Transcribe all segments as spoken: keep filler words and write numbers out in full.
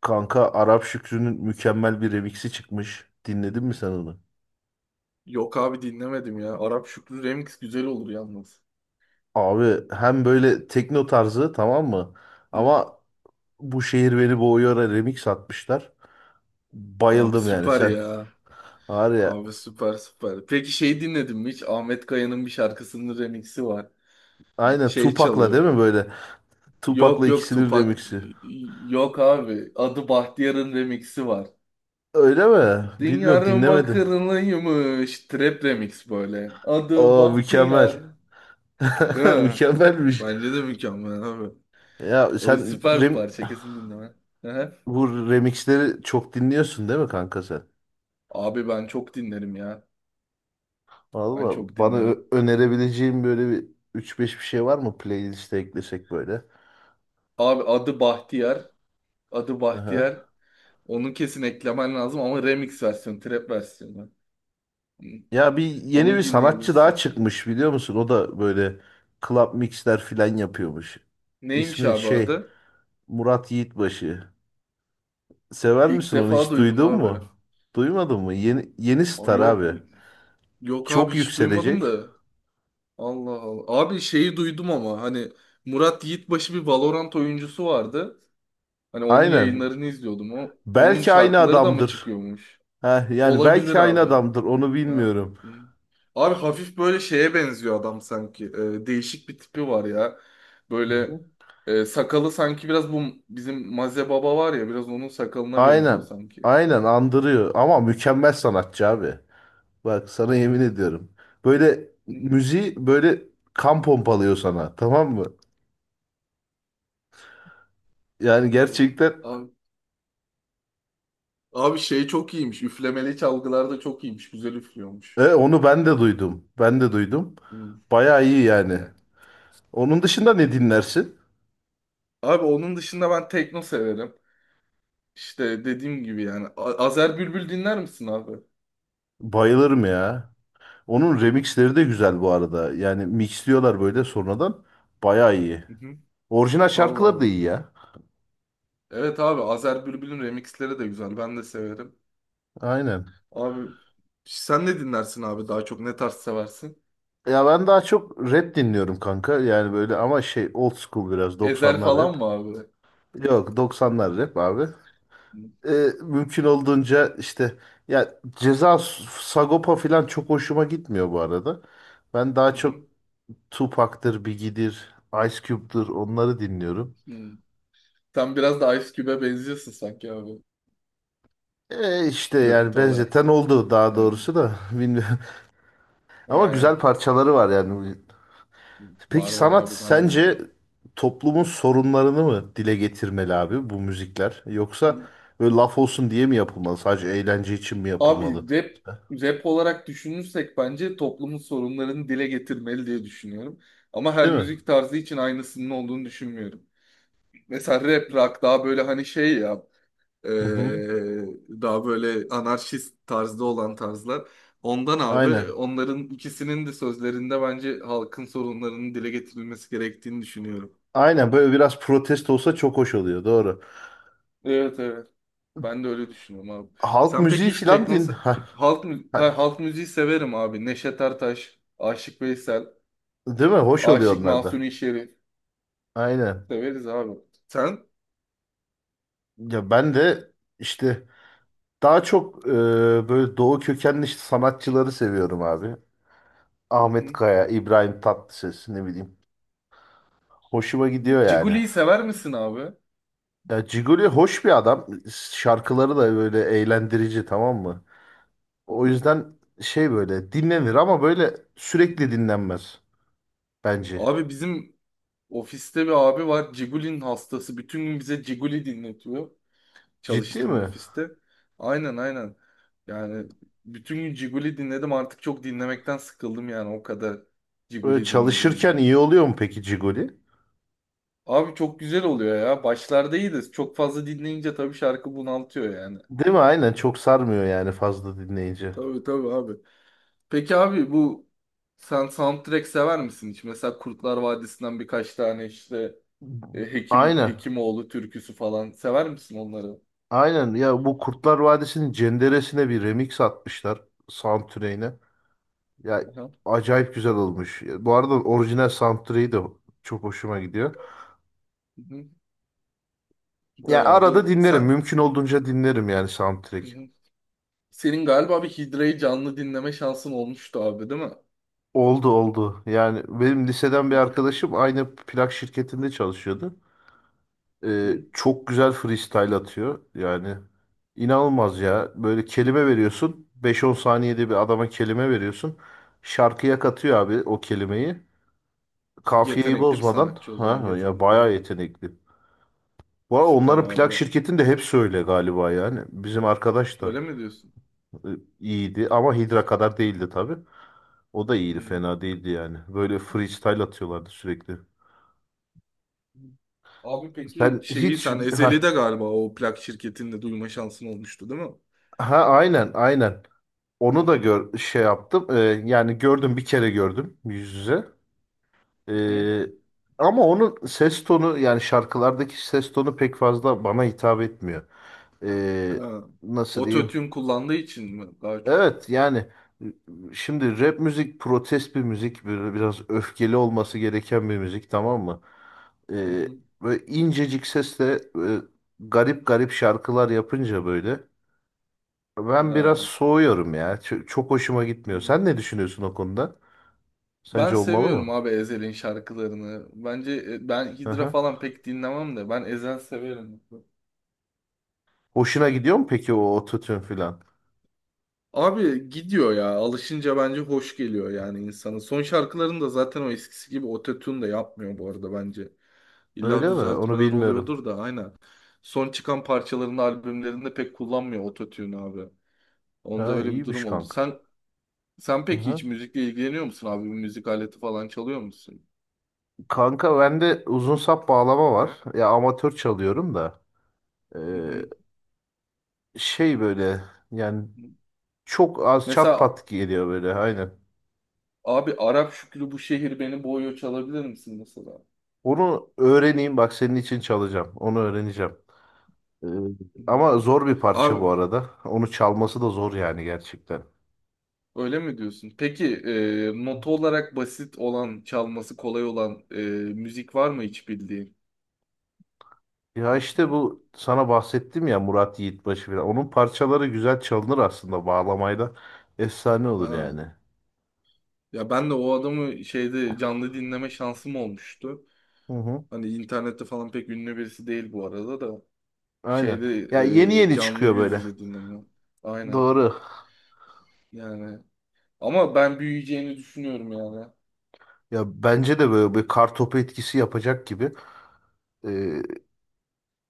Kanka Arap Şükrü'nün mükemmel bir remix'i çıkmış. Dinledin mi sen onu? Yok abi dinlemedim ya. Arap Şükrü remix güzel olur yalnız. Abi hem böyle tekno tarzı, tamam mı? Hı? Ama bu şehir beni boğuyor'a remix atmışlar. Abi Bayıldım yani süper sen. ya. Var ya, Abi süper süper. Peki şey dinledin mi hiç? Ahmet Kaya'nın bir şarkısının remixi var. aynen Şey Tupac'la değil çalıyor. mi böyle? Yok Tupac'la yok ikisinin Tupak. remix'i. Yok abi. Adı Bahtiyar'ın remixi var. Öyle mi? Bilmiyorum, Diyarın dinlemedim. bakırlıymış. Trap remix böyle. Adı Aa, mükemmel. Bahtiyar. Değil mi? Mükemmelmiş. Bence de mükemmel abi. Ya O sen süper bir rem parça kesin dinleme. Hı hı. Bu remixleri çok dinliyorsun değil mi kanka sen? Abi ben çok dinlerim ya. Ben çok Valla bana dinledim. ö- önerebileceğim böyle bir üç beş bir şey var mı, playlist'e eklesek böyle? Abi adı Bahtiyar. Adı Aha. Bahtiyar. Onu kesin eklemen lazım ama remix versiyonu, trap versiyonu. Hı. Ya bir yeni bir Onu sanatçı daha dinleyebilirsin. çıkmış, biliyor musun? O da böyle club mixler filan yapıyormuş. Neymiş İsmi abi şey adı? Murat Yiğitbaşı. Sever İlk misin, onu defa hiç duydum duydun abi. mu? Duymadın mı? Yeni, yeni O star yok abi. yok abi Çok hiç duymadım yükselecek. da. Allah Allah. Abi şeyi duydum ama hani Murat Yiğitbaşı bir Valorant oyuncusu vardı. Hani onun Aynen. yayınlarını izliyordum. O, onun Belki aynı şarkıları da mı adamdır. çıkıyormuş? Heh, yani Olabilir belki aynı abi. adamdır, onu Ha. bilmiyorum. hı. Abi hafif böyle şeye benziyor adam sanki. Ee, değişik bir tipi var ya. Hı Böyle hı. e, sakalı sanki biraz bu bizim Maze Baba var ya biraz onun sakalına benziyor Aynen. sanki. Aynen andırıyor ama mükemmel sanatçı abi. Bak, sana yemin Hı. ediyorum. Böyle Hı hı. müziği böyle kan pompalıyor sana, tamam mı? Yani Vallahi. gerçekten Abi, abi şey çok iyiymiş. Üflemeli çalgılarda çok iyiymiş. Güzel üflüyormuş. e, onu ben de duydum. Ben de duydum. Hı. Bayağı iyi yani. Yani. Onun dışında ne dinlersin? Abi onun dışında ben tekno severim. İşte dediğim gibi yani. A- Azer Bülbül dinler misin abi? Bayılırım ya. Onun remixleri de güzel bu arada. Yani mixliyorlar böyle sonradan. Bayağı iyi. Hı hı. Orijinal Allah şarkıları da Allah. iyi ya. Evet abi Azer Bülbül'ün remixleri de güzel. Ben de severim. Aynen. Abi sen ne dinlersin abi daha çok ne tarz seversin? Ya ben daha çok rap dinliyorum kanka. Yani böyle ama şey old school, biraz Ezel doksanlar rap. falan mı abi? Yok, doksanlar rap abi. Ee, Mümkün olduğunca işte, ya Ceza Sagopa falan çok hoşuma gitmiyor bu arada. Ben daha Hı çok hı. Tupac'tır, Biggie'dir, Ice Cube'dur, onları dinliyorum. Hı. Sen biraz da Ice Cube'e benziyorsun sanki abi Ee, işte yani görüntü olarak benzeten da. oldu daha Yani doğrusu da bilmiyorum. Ama he, güzel parçaları var yani. Peki var var sanat abi ben de sence severim. toplumun sorunlarını mı dile getirmeli abi bu müzikler? Yoksa Hı. böyle laf olsun diye mi yapılmalı? Sadece eğlence için mi yapılmalı? Abi rap rap olarak düşünürsek bence toplumun sorunlarını dile getirmeli diye düşünüyorum. Ama her Değil mi? müzik tarzı için aynısının olduğunu düşünmüyorum. Mesela rap rock daha böyle hani şey ya Ee, Hı hı. daha böyle anarşist tarzda olan tarzlar. Ondan abi Aynen. onların ikisinin de sözlerinde bence halkın sorunlarının dile getirilmesi gerektiğini düşünüyorum. Aynen böyle biraz protest olsa çok hoş oluyor. Doğru. Evet evet. Ben de öyle düşünüyorum abi. Halk Sen peki müziği hiç filan tekno din. Ha, halk mü- ha. ha, halk müziği severim abi. Neşet Ertaş, Aşık Veysel, Değil mi? Hoş oluyor Aşık onlar da. Mahzuni Şerif Aynen. severiz abi. Sen? Ya ben de işte daha çok e, böyle doğu kökenli işte sanatçıları seviyorum abi. Hı Ahmet hı. Kaya, İbrahim Tatlıses, ne bileyim. Hoşuma gidiyor yani. Ciguli'yi sever misin abi? Ya Ciguli hoş bir adam. Şarkıları da böyle eğlendirici, tamam mı? Hı O hı. yüzden şey böyle dinlenir ama böyle sürekli dinlenmez bence. Abi bizim ofiste bir abi var. Cigulin hastası. Bütün gün bize Ciguli dinletiyor. Ciddi Çalıştığım mi? ofiste. Aynen aynen. Yani bütün gün Ciguli dinledim. Artık çok dinlemekten sıkıldım yani. O kadar Böyle Ciguli dinledim çalışırken yani. iyi oluyor mu peki Ciguli? Abi çok güzel oluyor ya. Başlarda iyiydi. Çok fazla dinleyince tabii şarkı bunaltıyor yani. Değil mi? Aynen, çok sarmıyor yani fazla dinleyince. Tabii tabii abi. Peki abi bu sen soundtrack sever misin hiç? Mesela Kurtlar Vadisi'nden birkaç tane işte e, Hekim Aynen. Hekimoğlu türküsü falan sever misin onları? Aynen. Ya bu Kurtlar Vadisi'nin Cenderesine bir remix atmışlar, soundtrack'ine. Ya acayip güzel olmuş. Bu arada orijinal soundtrack'i de çok hoşuma gidiyor. Hı hı. Yani Süper arada abi. dinlerim. Sen, Mümkün olduğunca dinlerim yani Hı soundtrack. hı. Senin galiba bir Hidra'yı canlı dinleme şansın olmuştu abi değil mi? Oldu oldu. Yani benim liseden Hı bir hı. arkadaşım aynı plak şirketinde çalışıyordu. Hı Ee, çok güzel freestyle atıyor. Yani inanılmaz ya. Böyle kelime hı. veriyorsun. beş on saniyede bir adama kelime veriyorsun. Şarkıya katıyor abi o kelimeyi. Kafiyeyi Yetenekli bir bozmadan. sanatçı o zaman Ha, ya yetenekli bayağı bir yetenekli. Bu arada süper onların plak abi. şirketinde hepsi öyle galiba yani. Bizim arkadaş da Öyle mi diyorsun? e, iyiydi ama Hidra kadar değildi tabii. O da Hı iyiydi, hı. fena değildi yani. Böyle freestyle atıyorlardı sürekli. Abi peki Sen şeyi hiç, sen ha, Ezeli'de galiba o plak şirketinde duyma şansın olmuştu değil mi? ha, aynen aynen. Hı Onu da hı. gör şey yaptım. Ee, yani gördüm, bir kere gördüm yüz yüze. Hı. Ee, Ama onun ses tonu yani şarkılardaki ses tonu pek fazla bana hitap etmiyor. Ee, Ha. Nasıl diyeyim? Ototune kullandığı için mi daha çok? Evet yani şimdi rap müzik protest bir müzik, böyle biraz öfkeli olması gereken bir müzik, tamam mı? Hı Ee, hı. Böyle incecik sesle e, garip garip şarkılar yapınca böyle ben biraz Ha. soğuyorum ya. Ç- çok hoşuma gitmiyor. Hı. Sen ne düşünüyorsun o konuda? Ben Sence olmalı seviyorum mı? abi Ezel'in şarkılarını. Bence e, ben Hı Hidra hı. falan pek dinlemem de ben Ezel severim. Hoşuna gidiyor mu peki o ototune filan? Abi gidiyor ya. Alışınca bence hoş geliyor yani insana. Son şarkılarını da zaten o eskisi gibi ototune da yapmıyor bu arada bence. İlla Öyle mi? Onu düzeltmeler bilmiyorum. oluyordur da aynen. Son çıkan parçalarını albümlerinde pek kullanmıyor ototune abi. Onda Ha, öyle bir iyiymiş durum oldu. kanka. Sen sen Hı peki hiç hı. müzikle ilgileniyor musun abi? Bir müzik aleti falan çalıyor musun? Kanka bende uzun sap bağlama var. Ya amatör çalıyorum da Hı hı. şey böyle yani çok az çat Mesela pat geliyor böyle aynen. abi Arap Şükrü bu şehir beni boğuyor çalabilir misin mesela? Onu öğreneyim, bak senin için çalacağım. Onu öğreneceğim. Ee, Hı hı. Ama zor bir parça bu Abi arada. Onu çalması da zor yani gerçekten. öyle mi diyorsun? Peki e, nota olarak basit olan, çalması kolay olan e, müzik var mı hiç bildiğin? Ya işte bu sana bahsettim ya, Murat Yiğitbaşı falan. Onun parçaları güzel çalınır aslında bağlamayla. Efsane olur Ha. yani. Ya ben de o adamı şeyde canlı dinleme şansım olmuştu. Hı hı. Hani internette falan pek ünlü birisi değil bu arada da. Aynen. Şeyde Ya yeni e, yeni canlı çıkıyor yüz böyle. yüze dinleme. Aynen. Doğru. Yani ama ben büyüyeceğini düşünüyorum yani. Ya bence de böyle bir kartopu etkisi yapacak gibi. Ee,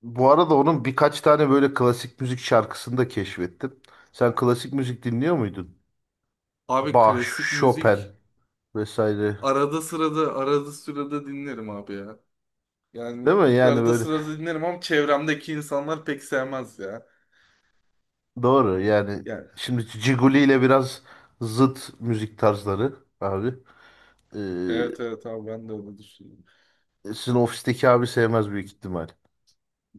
Bu arada onun birkaç tane böyle klasik müzik şarkısını da keşfettim. Sen klasik müzik dinliyor muydun? Abi Bach, klasik Chopin müzik vesaire. arada sırada, arada sırada dinlerim abi ya. Değil Yani mi? Yani arada böyle, sırada dinlerim ama çevremdeki insanlar pek sevmez ya. doğru. Yani Yani şimdi Ciguli ile biraz zıt müzik tarzları abi. Ee, evet evet abi ben de öyle düşünüyorum. Sizin ofisteki abi sevmez büyük ihtimal.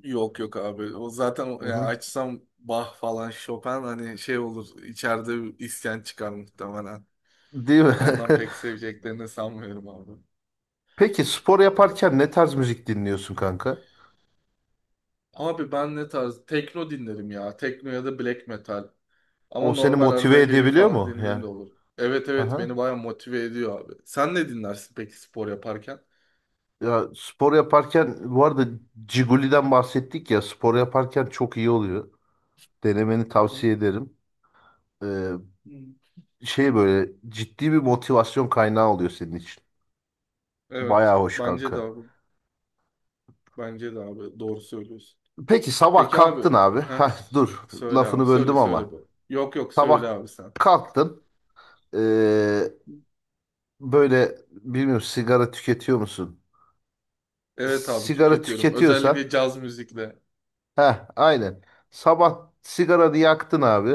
Yok yok abi. O zaten o- Hı yani hı. açsam Bach falan Chopin hani şey olur içeride bir isyan çıkar muhtemelen. Değil mi? Ondan pek seveceklerini sanmıyorum abi. Peki spor Ya. yaparken ne tarz müzik dinliyorsun kanka? Abi ben ne tarz? Tekno dinlerim ya. Tekno ya da black metal. Ama O seni normal arada motive heavy edebiliyor falan mu? dinlediğim Yani. de olur. Evet evet Aha. beni baya motive ediyor abi. Sen ne dinlersin peki spor yaparken? Ya spor yaparken bu arada, Ciguli'den bahsettik ya, spor yaparken çok iyi oluyor. Denemeni Hı hı. tavsiye ederim. Ee, Şey böyle ciddi bir motivasyon kaynağı oluyor senin için. Evet. Bayağı hoş Bence de kanka. abi. Bence de abi. Doğru söylüyorsun. Peki sabah Peki abi. kalktın abi. He? Heh, dur, Söyle abi. lafını Söyle böldüm söyle ama. bu. Yok yok Sabah söyle abi sen. kalktın. Ee, Böyle bilmiyorum, sigara tüketiyor musun? Evet abi Sigara tüketiyorum. tüketiyorsan Özellikle caz müzikle. heh, aynen. Sabah sigaranı yaktın abi.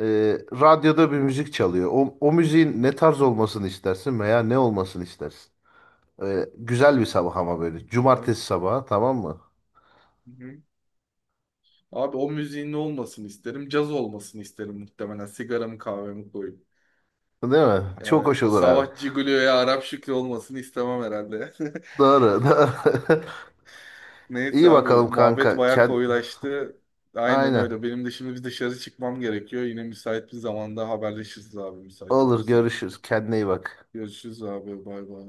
Ee, radyoda bir Hı. müzik çalıyor. O, o müziğin ne tarz olmasını istersin veya ne olmasını istersin? Ee, güzel bir sabah ama böyle. Hı hı. Cumartesi sabahı, tamam mı? Hı. Abi o müziğin ne olmasını isterim? Caz olmasını isterim muhtemelen. Sigaramı kahvemi koyup. Değil mi? Çok Yani hoş olur abi. Savaş Cigolo'ya Arap Şükrü olmasını istemem herhalde. Doğru, doğru. Neyse İyi abi bakalım muhabbet kanka. bayağı Kend... koyulaştı. Aynen Aynen. öyle. Benim de şimdi bir dışarı çıkmam gerekiyor. Yine müsait bir zamanda haberleşiriz abi müsait Olur, olursa. görüşürüz. Kendine iyi bak. Görüşürüz abi. Bay bay.